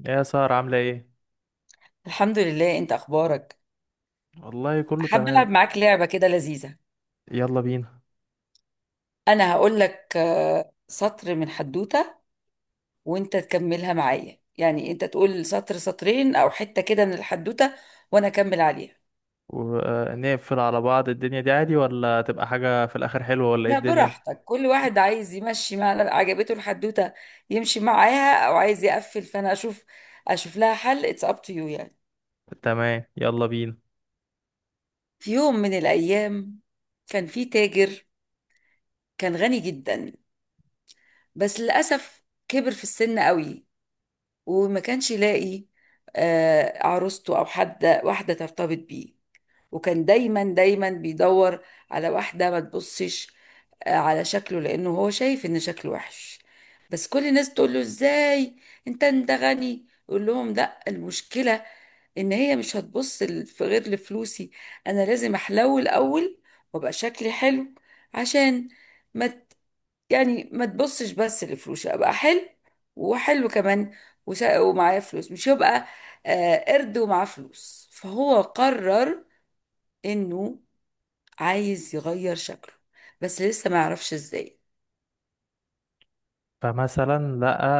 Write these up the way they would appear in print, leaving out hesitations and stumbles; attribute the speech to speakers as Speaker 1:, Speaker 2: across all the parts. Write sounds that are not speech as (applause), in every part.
Speaker 1: يا سارة عاملة ايه؟
Speaker 2: الحمد لله، انت اخبارك؟
Speaker 1: والله كله
Speaker 2: حابه
Speaker 1: تمام.
Speaker 2: العب معاك لعبه كده لذيذه.
Speaker 1: يلا بينا.
Speaker 2: انا هقول لك سطر من حدوته، وانت تكملها معايا، يعني انت تقول سطر سطرين او حته كده من الحدوته وانا اكمل عليها.
Speaker 1: ونقفل على بعض الدنيا دي عادي، ولا تبقى حاجة في الآخر حلوة، ولا ايه
Speaker 2: لا،
Speaker 1: الدنيا؟
Speaker 2: براحتك. كل واحد عايز يمشي مع عجبته الحدوته يمشي معاها، او عايز يقفل فانا اشوف لها حل، اتس اب تو يو يعني.
Speaker 1: تمام، يلا بينا.
Speaker 2: في يوم من الايام كان في تاجر، كان غني جدا، بس للاسف كبر في السن قوي، وما كانش يلاقي عروسته او حد، واحده ترتبط بيه. وكان دايما دايما بيدور على واحده ما تبصش على شكله، لانه هو شايف ان شكله وحش. بس كل الناس تقول له: ازاي انت غني؟ يقول لهم: لا، المشكله ان هي مش هتبص في غير لفلوسي، انا لازم احلو الاول وابقى شكلي حلو، عشان ما يعني ما تبصش بس لفلوسي، ابقى حلو وحلو كمان ومعايا فلوس، مش يبقى قرد ومعاه فلوس. فهو قرر انه عايز يغير شكله، بس لسه ما يعرفش ازاي.
Speaker 1: فمثلا لقى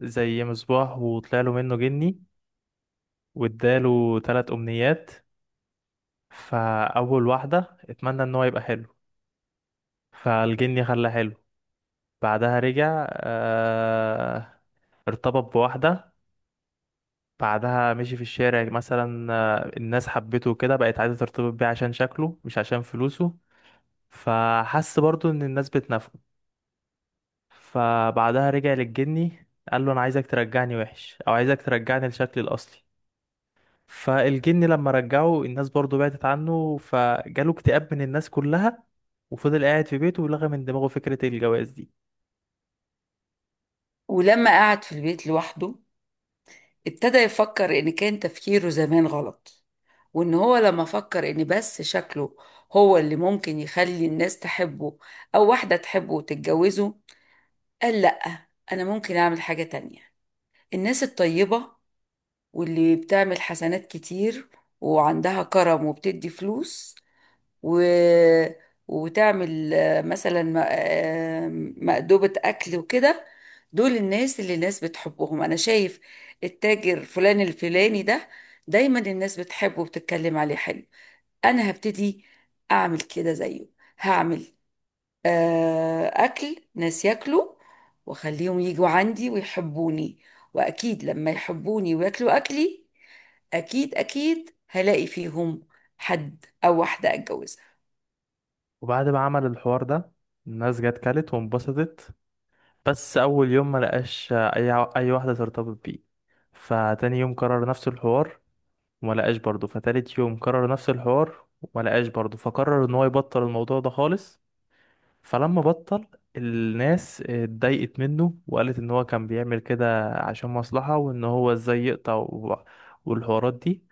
Speaker 1: زي مصباح وطلع له منه جني واداله تلات أمنيات. فأول واحدة اتمنى ان هو يبقى حلو، فالجني خلاه حلو. بعدها رجع ارتبط بواحدة. بعدها مشي في الشارع مثلا، الناس حبته وكده، بقت عايزة ترتبط بيه عشان شكله مش عشان فلوسه. فحس برضو ان الناس بتنافقه. فبعدها رجع للجني، قال له انا عايزك ترجعني وحش او عايزك ترجعني لشكلي الاصلي. فالجني لما رجعه الناس برضو بعدت عنه، فجاله اكتئاب من الناس كلها. وفضل قاعد في بيته، ولغى من دماغه فكرة الجواز دي.
Speaker 2: ولما قعد في البيت لوحده ابتدى يفكر ان كان تفكيره زمان غلط، وان هو لما فكر ان بس شكله هو اللي ممكن يخلي الناس تحبه او واحدة تحبه وتتجوزه، قال: لأ، انا ممكن اعمل حاجة تانية. الناس الطيبة واللي بتعمل حسنات كتير وعندها كرم وبتدي فلوس و... وتعمل مثلا مأدبة أكل وكده. دول الناس اللي الناس بتحبهم. أنا شايف التاجر فلان الفلاني ده دايما الناس بتحبه وبتتكلم عليه حلو. أنا هبتدي أعمل كده زيه، هعمل أكل ناس ياكلوا وأخليهم يجوا عندي ويحبوني، وأكيد لما يحبوني وياكلوا أكلي أكيد أكيد هلاقي فيهم حد أو واحدة أتجوزها.
Speaker 1: وبعد ما عمل الحوار ده، الناس جت كلت وانبسطت. بس اول يوم ما لقاش اي واحده ترتبط بيه. فتاني يوم كرر نفس الحوار وما لقاش برضه. فتالت يوم كرر نفس الحوار وما لقاش برضه. فقرر ان هو يبطل الموضوع ده خالص. فلما بطل، الناس اتضايقت منه وقالت ان هو كان بيعمل كده عشان مصلحه، وان هو ازاي يقطع والحوارات دي.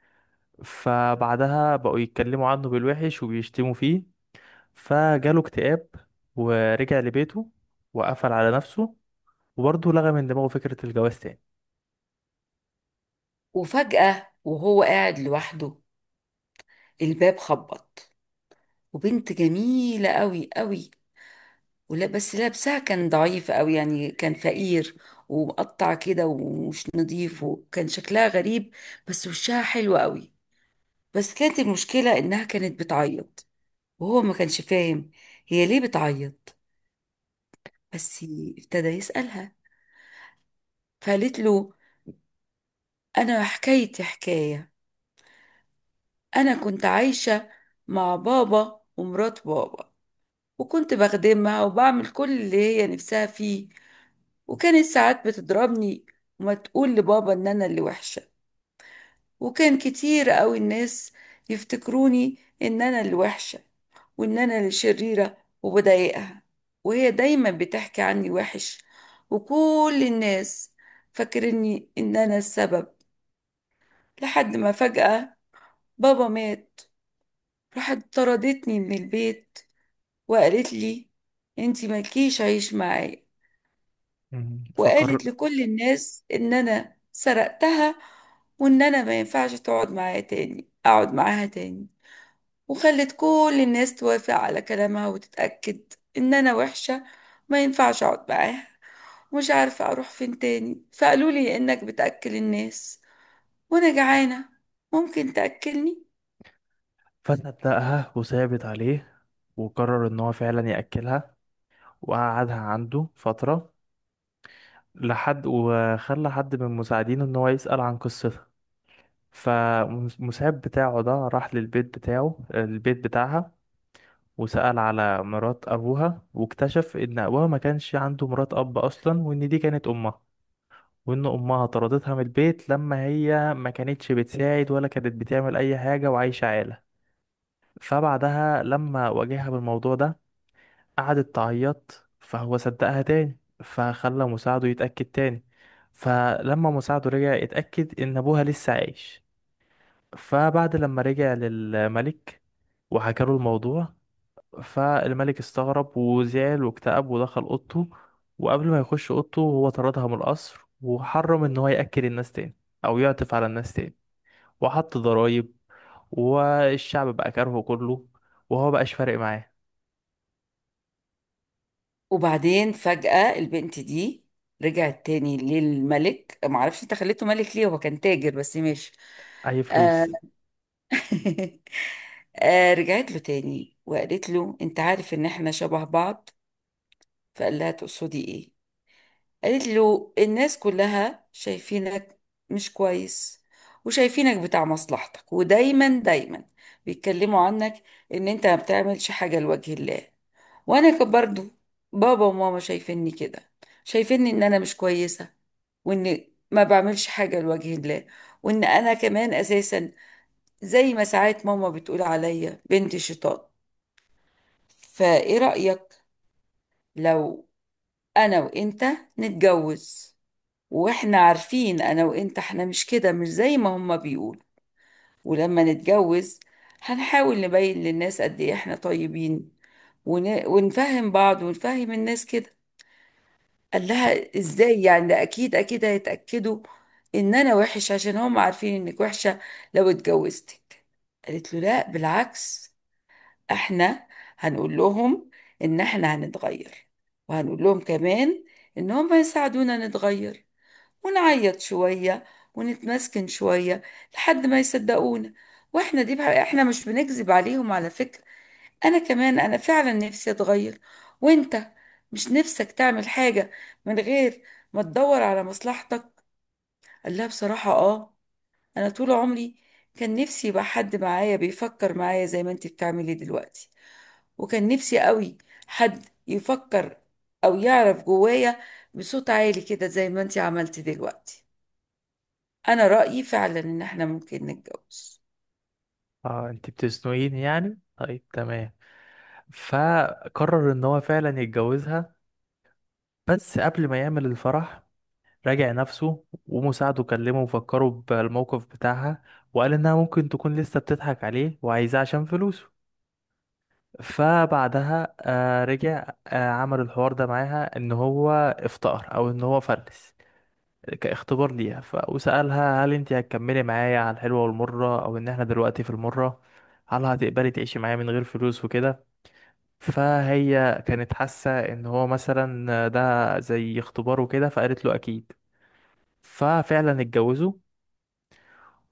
Speaker 1: فبعدها بقوا يتكلموا عنه بالوحش وبيشتموا فيه، فجاله اكتئاب، ورجع لبيته وقفل على نفسه، وبرضه لغى من دماغه فكرة الجواز تاني.
Speaker 2: وفجأة وهو قاعد لوحده، الباب خبط، وبنت جميلة قوي قوي، ولا بس لابسها كان ضعيف قوي، يعني كان فقير ومقطع كده ومش نظيف، وكان شكلها غريب بس وشها حلو قوي. بس كانت المشكلة إنها كانت بتعيط، وهو ما كانش فاهم هي ليه بتعيط. بس ابتدى يسألها، فقالت له: أنا حكايتي حكاية، أنا كنت عايشة مع بابا ومرات بابا، وكنت بخدمها وبعمل كل اللي هي نفسها فيه، وكانت ساعات بتضربني وما تقول لبابا إن أنا اللي وحشة. وكان كتير قوي الناس يفتكروني ان انا الوحشة وان انا الشريرة وبضايقها، وهي دايما بتحكي عني وحش، وكل الناس فاكرني ان انا السبب. لحد ما فجأة بابا مات، راحت طردتني من البيت وقالت لي: انتي مالكيش عيش معايا.
Speaker 1: مم.
Speaker 2: وقالت لكل الناس ان انا سرقتها وان انا ما ينفعش تقعد معايا تاني اقعد معاها تاني. وخلت كل الناس توافق على كلامها وتتأكد إن أنا وحشة، ما ينفعش أقعد معاها. ومش عارفة أروح فين تاني، فقالوا لي إنك بتأكل الناس، وأنا جعانة ممكن تأكلني.
Speaker 1: فصدقها وثابت عليه، وقرر ان هو فعلا يأكلها، وقعدها عنده فترة لحد وخلى حد من مساعدينه ان هو يسأل عن قصتها. فالمساعد بتاعه ده راح للبيت بتاعه البيت بتاعها، وسأل على مرات أبوها، واكتشف إن أبوها ما كانش عنده مرات أب أصلا، وإن دي كانت أمها. وإن أمها طردتها من البيت لما هي ما كانتش بتساعد ولا كانت بتعمل أي حاجة، وعايشة عالة. فبعدها لما واجهها بالموضوع ده قعدت تعيط، فهو صدقها تاني. فخلى مساعده يتأكد تاني. فلما مساعده رجع يتأكد إن أبوها لسه عايش، فبعد لما رجع للملك وحكى له الموضوع، فالملك استغرب وزعل واكتئب ودخل أوضته. وقبل ما يخش أوضته هو طردها من القصر، وحرم إن هو يأكل الناس تاني أو يعطف على الناس تاني، وحط ضرايب، والشعب بقى كارهه كله، وهو بقاش فارق معاه
Speaker 2: وبعدين فجأة البنت دي رجعت تاني للملك، معرفش انت خليته ملك ليه، هو كان تاجر بس ماشي.
Speaker 1: اي
Speaker 2: آه.
Speaker 1: فلوس.
Speaker 2: (laughs) آه، رجعت له تاني وقالت له: انت عارف ان احنا شبه بعض؟ فقال لها: تقصدي ايه؟ قالت له: الناس كلها شايفينك مش كويس، وشايفينك بتاع مصلحتك، ودايما دايما بيتكلموا عنك ان انت ما بتعملش حاجة لوجه الله. وانا كان برضو بابا وماما شايفيني كده، شايفيني ان انا مش كويسة وان ما بعملش حاجة لوجه الله، وان انا كمان اساسا زي ما ساعات ماما بتقول عليا بنت شيطان. فايه رأيك لو انا وانت نتجوز، واحنا عارفين انا وانت احنا مش كده، مش زي ما هما بيقولوا. ولما نتجوز هنحاول نبين للناس قد ايه احنا طيبين، ونفهم بعض ونفهم الناس كده. قال لها: ازاي يعني؟ ده اكيد اكيد هيتأكدوا ان انا وحش عشان هم عارفين انك وحشة لو اتجوزتك. قالت له: لا بالعكس، احنا هنقول لهم ان احنا هنتغير، وهنقول لهم كمان ان هم يساعدونا نتغير، ونعيط شوية ونتمسكن شوية لحد ما يصدقونا. واحنا دي بقى احنا مش بنكذب عليهم على فكرة، انا كمان انا فعلا نفسي اتغير. وانت مش نفسك تعمل حاجة من غير ما تدور على مصلحتك؟ قال لها: بصراحة اه، انا طول عمري كان نفسي يبقى حد معايا بيفكر معايا زي ما انت بتعملي دلوقتي، وكان نفسي قوي حد يفكر او يعرف جوايا بصوت عالي كده زي ما انت عملتي دلوقتي. انا رأيي فعلا ان احنا ممكن نتجوز.
Speaker 1: اه، انت بتزنقيني يعني، طيب تمام. فقرر ان هو فعلا يتجوزها. بس قبل ما يعمل الفرح، راجع نفسه، ومساعده كلمه وفكره بالموقف بتاعها، وقال انها ممكن تكون لسه بتضحك عليه وعايزاه عشان فلوسه. فبعدها رجع عمل الحوار ده معاها ان هو افتقر او ان هو فلس، كاختبار ليها. وسألها هل انت هتكملي معايا على الحلوة والمرة، او ان احنا دلوقتي في المرة هل هتقبلي تعيشي معايا من غير فلوس وكده. فهي كانت حاسة ان هو مثلا ده زي اختبار وكده، فقالت له اكيد. ففعلا اتجوزوا.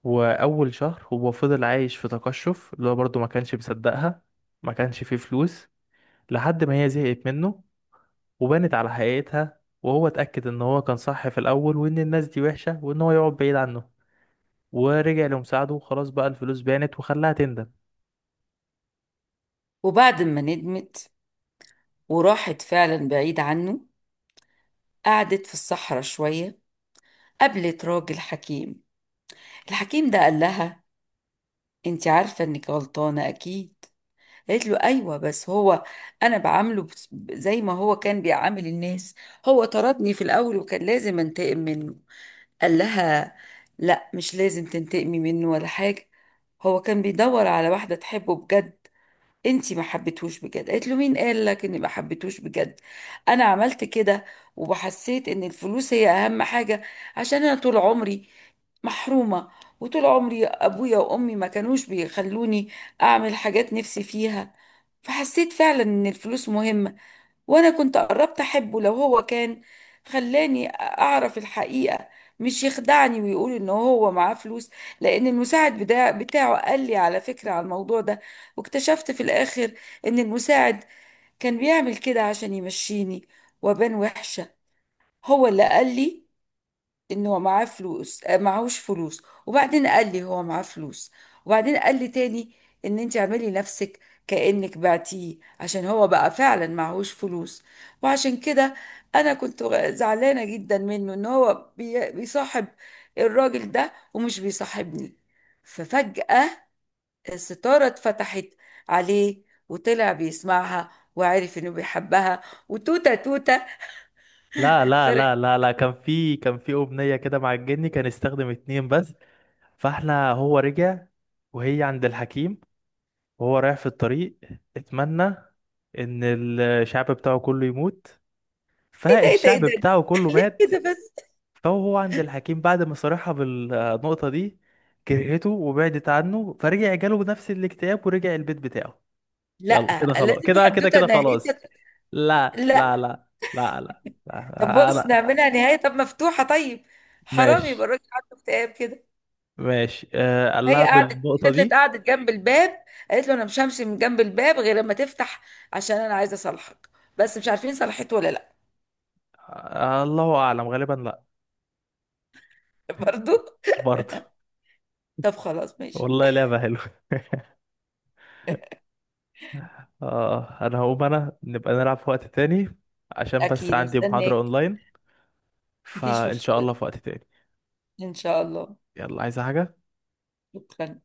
Speaker 1: واول شهر هو فضل عايش في تقشف، اللي هو برضه ما كانش مصدقها ما كانش فيه فلوس، لحد ما هي زهقت منه وبانت على حقيقتها. وهو اتأكد ان هو كان صح في الاول، وان الناس دي وحشة، وان هو يقعد بعيد عنه. ورجع لمساعده، وخلاص بقى الفلوس بانت وخلاها تندم.
Speaker 2: وبعد ما ندمت وراحت فعلا بعيد عنه، قعدت في الصحراء شوية، قابلت راجل حكيم. الحكيم ده قال لها: انت عارفة انك غلطانة اكيد. قالت له: ايوه، بس هو انا بعامله زي ما هو كان بيعامل الناس. هو طردني في الاول وكان لازم انتقم منه. قال لها: لا، مش لازم تنتقمي منه ولا حاجة. هو كان بيدور على واحدة تحبه بجد، انتي ما حبيتهوش بجد. قالت له: مين قال لك اني ما حبيتهوش بجد؟ انا عملت كده وحسيت ان الفلوس هي اهم حاجة، عشان انا طول عمري محرومة، وطول عمري ابويا وامي ما كانوش بيخلوني اعمل حاجات نفسي فيها، فحسيت فعلا ان الفلوس مهمة. وانا كنت قربت احبه لو هو كان خلاني اعرف الحقيقة، مش يخدعني ويقول ان هو معاه فلوس. لان المساعد بتاعه قال لي على فكرة على الموضوع ده. واكتشفت في الاخر ان المساعد كان بيعمل كده عشان يمشيني وابان وحشة. هو اللي قال لي ان هو معاه فلوس، معهوش فلوس، وبعدين قال لي هو معاه فلوس، وبعدين قال لي تاني ان انت اعملي نفسك كأنك بعتيه عشان هو بقى فعلا معهوش فلوس. وعشان كده انا كنت زعلانة جدا منه، ان هو بيصاحب الراجل ده ومش بيصاحبني. ففجأة الستارة اتفتحت عليه وطلع بيسمعها وعرف انه بيحبها، وتوتة توتة
Speaker 1: لا لا
Speaker 2: فرق.
Speaker 1: لا لا لا، كان في أمنية كده مع الجني، كان استخدم اتنين بس. فاحنا هو رجع وهي عند الحكيم، وهو رايح في الطريق اتمنى ان الشعب بتاعه كله يموت،
Speaker 2: ايه ده، ايه ده،
Speaker 1: فالشعب
Speaker 2: إيه
Speaker 1: بتاعه
Speaker 2: ده؟
Speaker 1: كله
Speaker 2: إيه
Speaker 1: مات.
Speaker 2: ده؟ بس.
Speaker 1: فهو عند الحكيم بعد ما صارحها بالنقطة دي كرهته وبعدت عنه، فرجع جاله نفس الاكتئاب ورجع البيت بتاعه. يلا
Speaker 2: لا،
Speaker 1: كده خلاص،
Speaker 2: لازم
Speaker 1: كده كده
Speaker 2: حدوته
Speaker 1: كده خلاص.
Speaker 2: نهايتها.
Speaker 1: لا لا
Speaker 2: لا.
Speaker 1: لا. لا لا
Speaker 2: طب
Speaker 1: لا
Speaker 2: بص
Speaker 1: انا.
Speaker 2: نعملها نهايه طب مفتوحه طيب، حرام
Speaker 1: ماشي.
Speaker 2: يبقى الراجل عنده اكتئاب كده.
Speaker 1: ماشي، قال
Speaker 2: هي
Speaker 1: لها بالنقطة
Speaker 2: فضلت
Speaker 1: دي.
Speaker 2: قعدت جنب الباب، قالت له: انا مش همشي من جنب الباب غير لما تفتح، عشان انا عايزه اصالحك. بس مش عارفين صلحته ولا لا.
Speaker 1: الله اعلم غالبا لا.
Speaker 2: (laughs) برضو.
Speaker 1: برضه.
Speaker 2: طب خلاص ماشي.
Speaker 1: والله لعبة حلوة. (laughs) اه، انا هقوم، انا نبقى نلعب في وقت تاني عشان بس
Speaker 2: اكيد
Speaker 1: عندي محاضرة
Speaker 2: استناك.
Speaker 1: اونلاين.
Speaker 2: مفيش
Speaker 1: فان شاء
Speaker 2: مشكله.
Speaker 1: الله في وقت تاني.
Speaker 2: ان شاء الله.
Speaker 1: يلا، عايزة حاجة؟
Speaker 2: شكرا.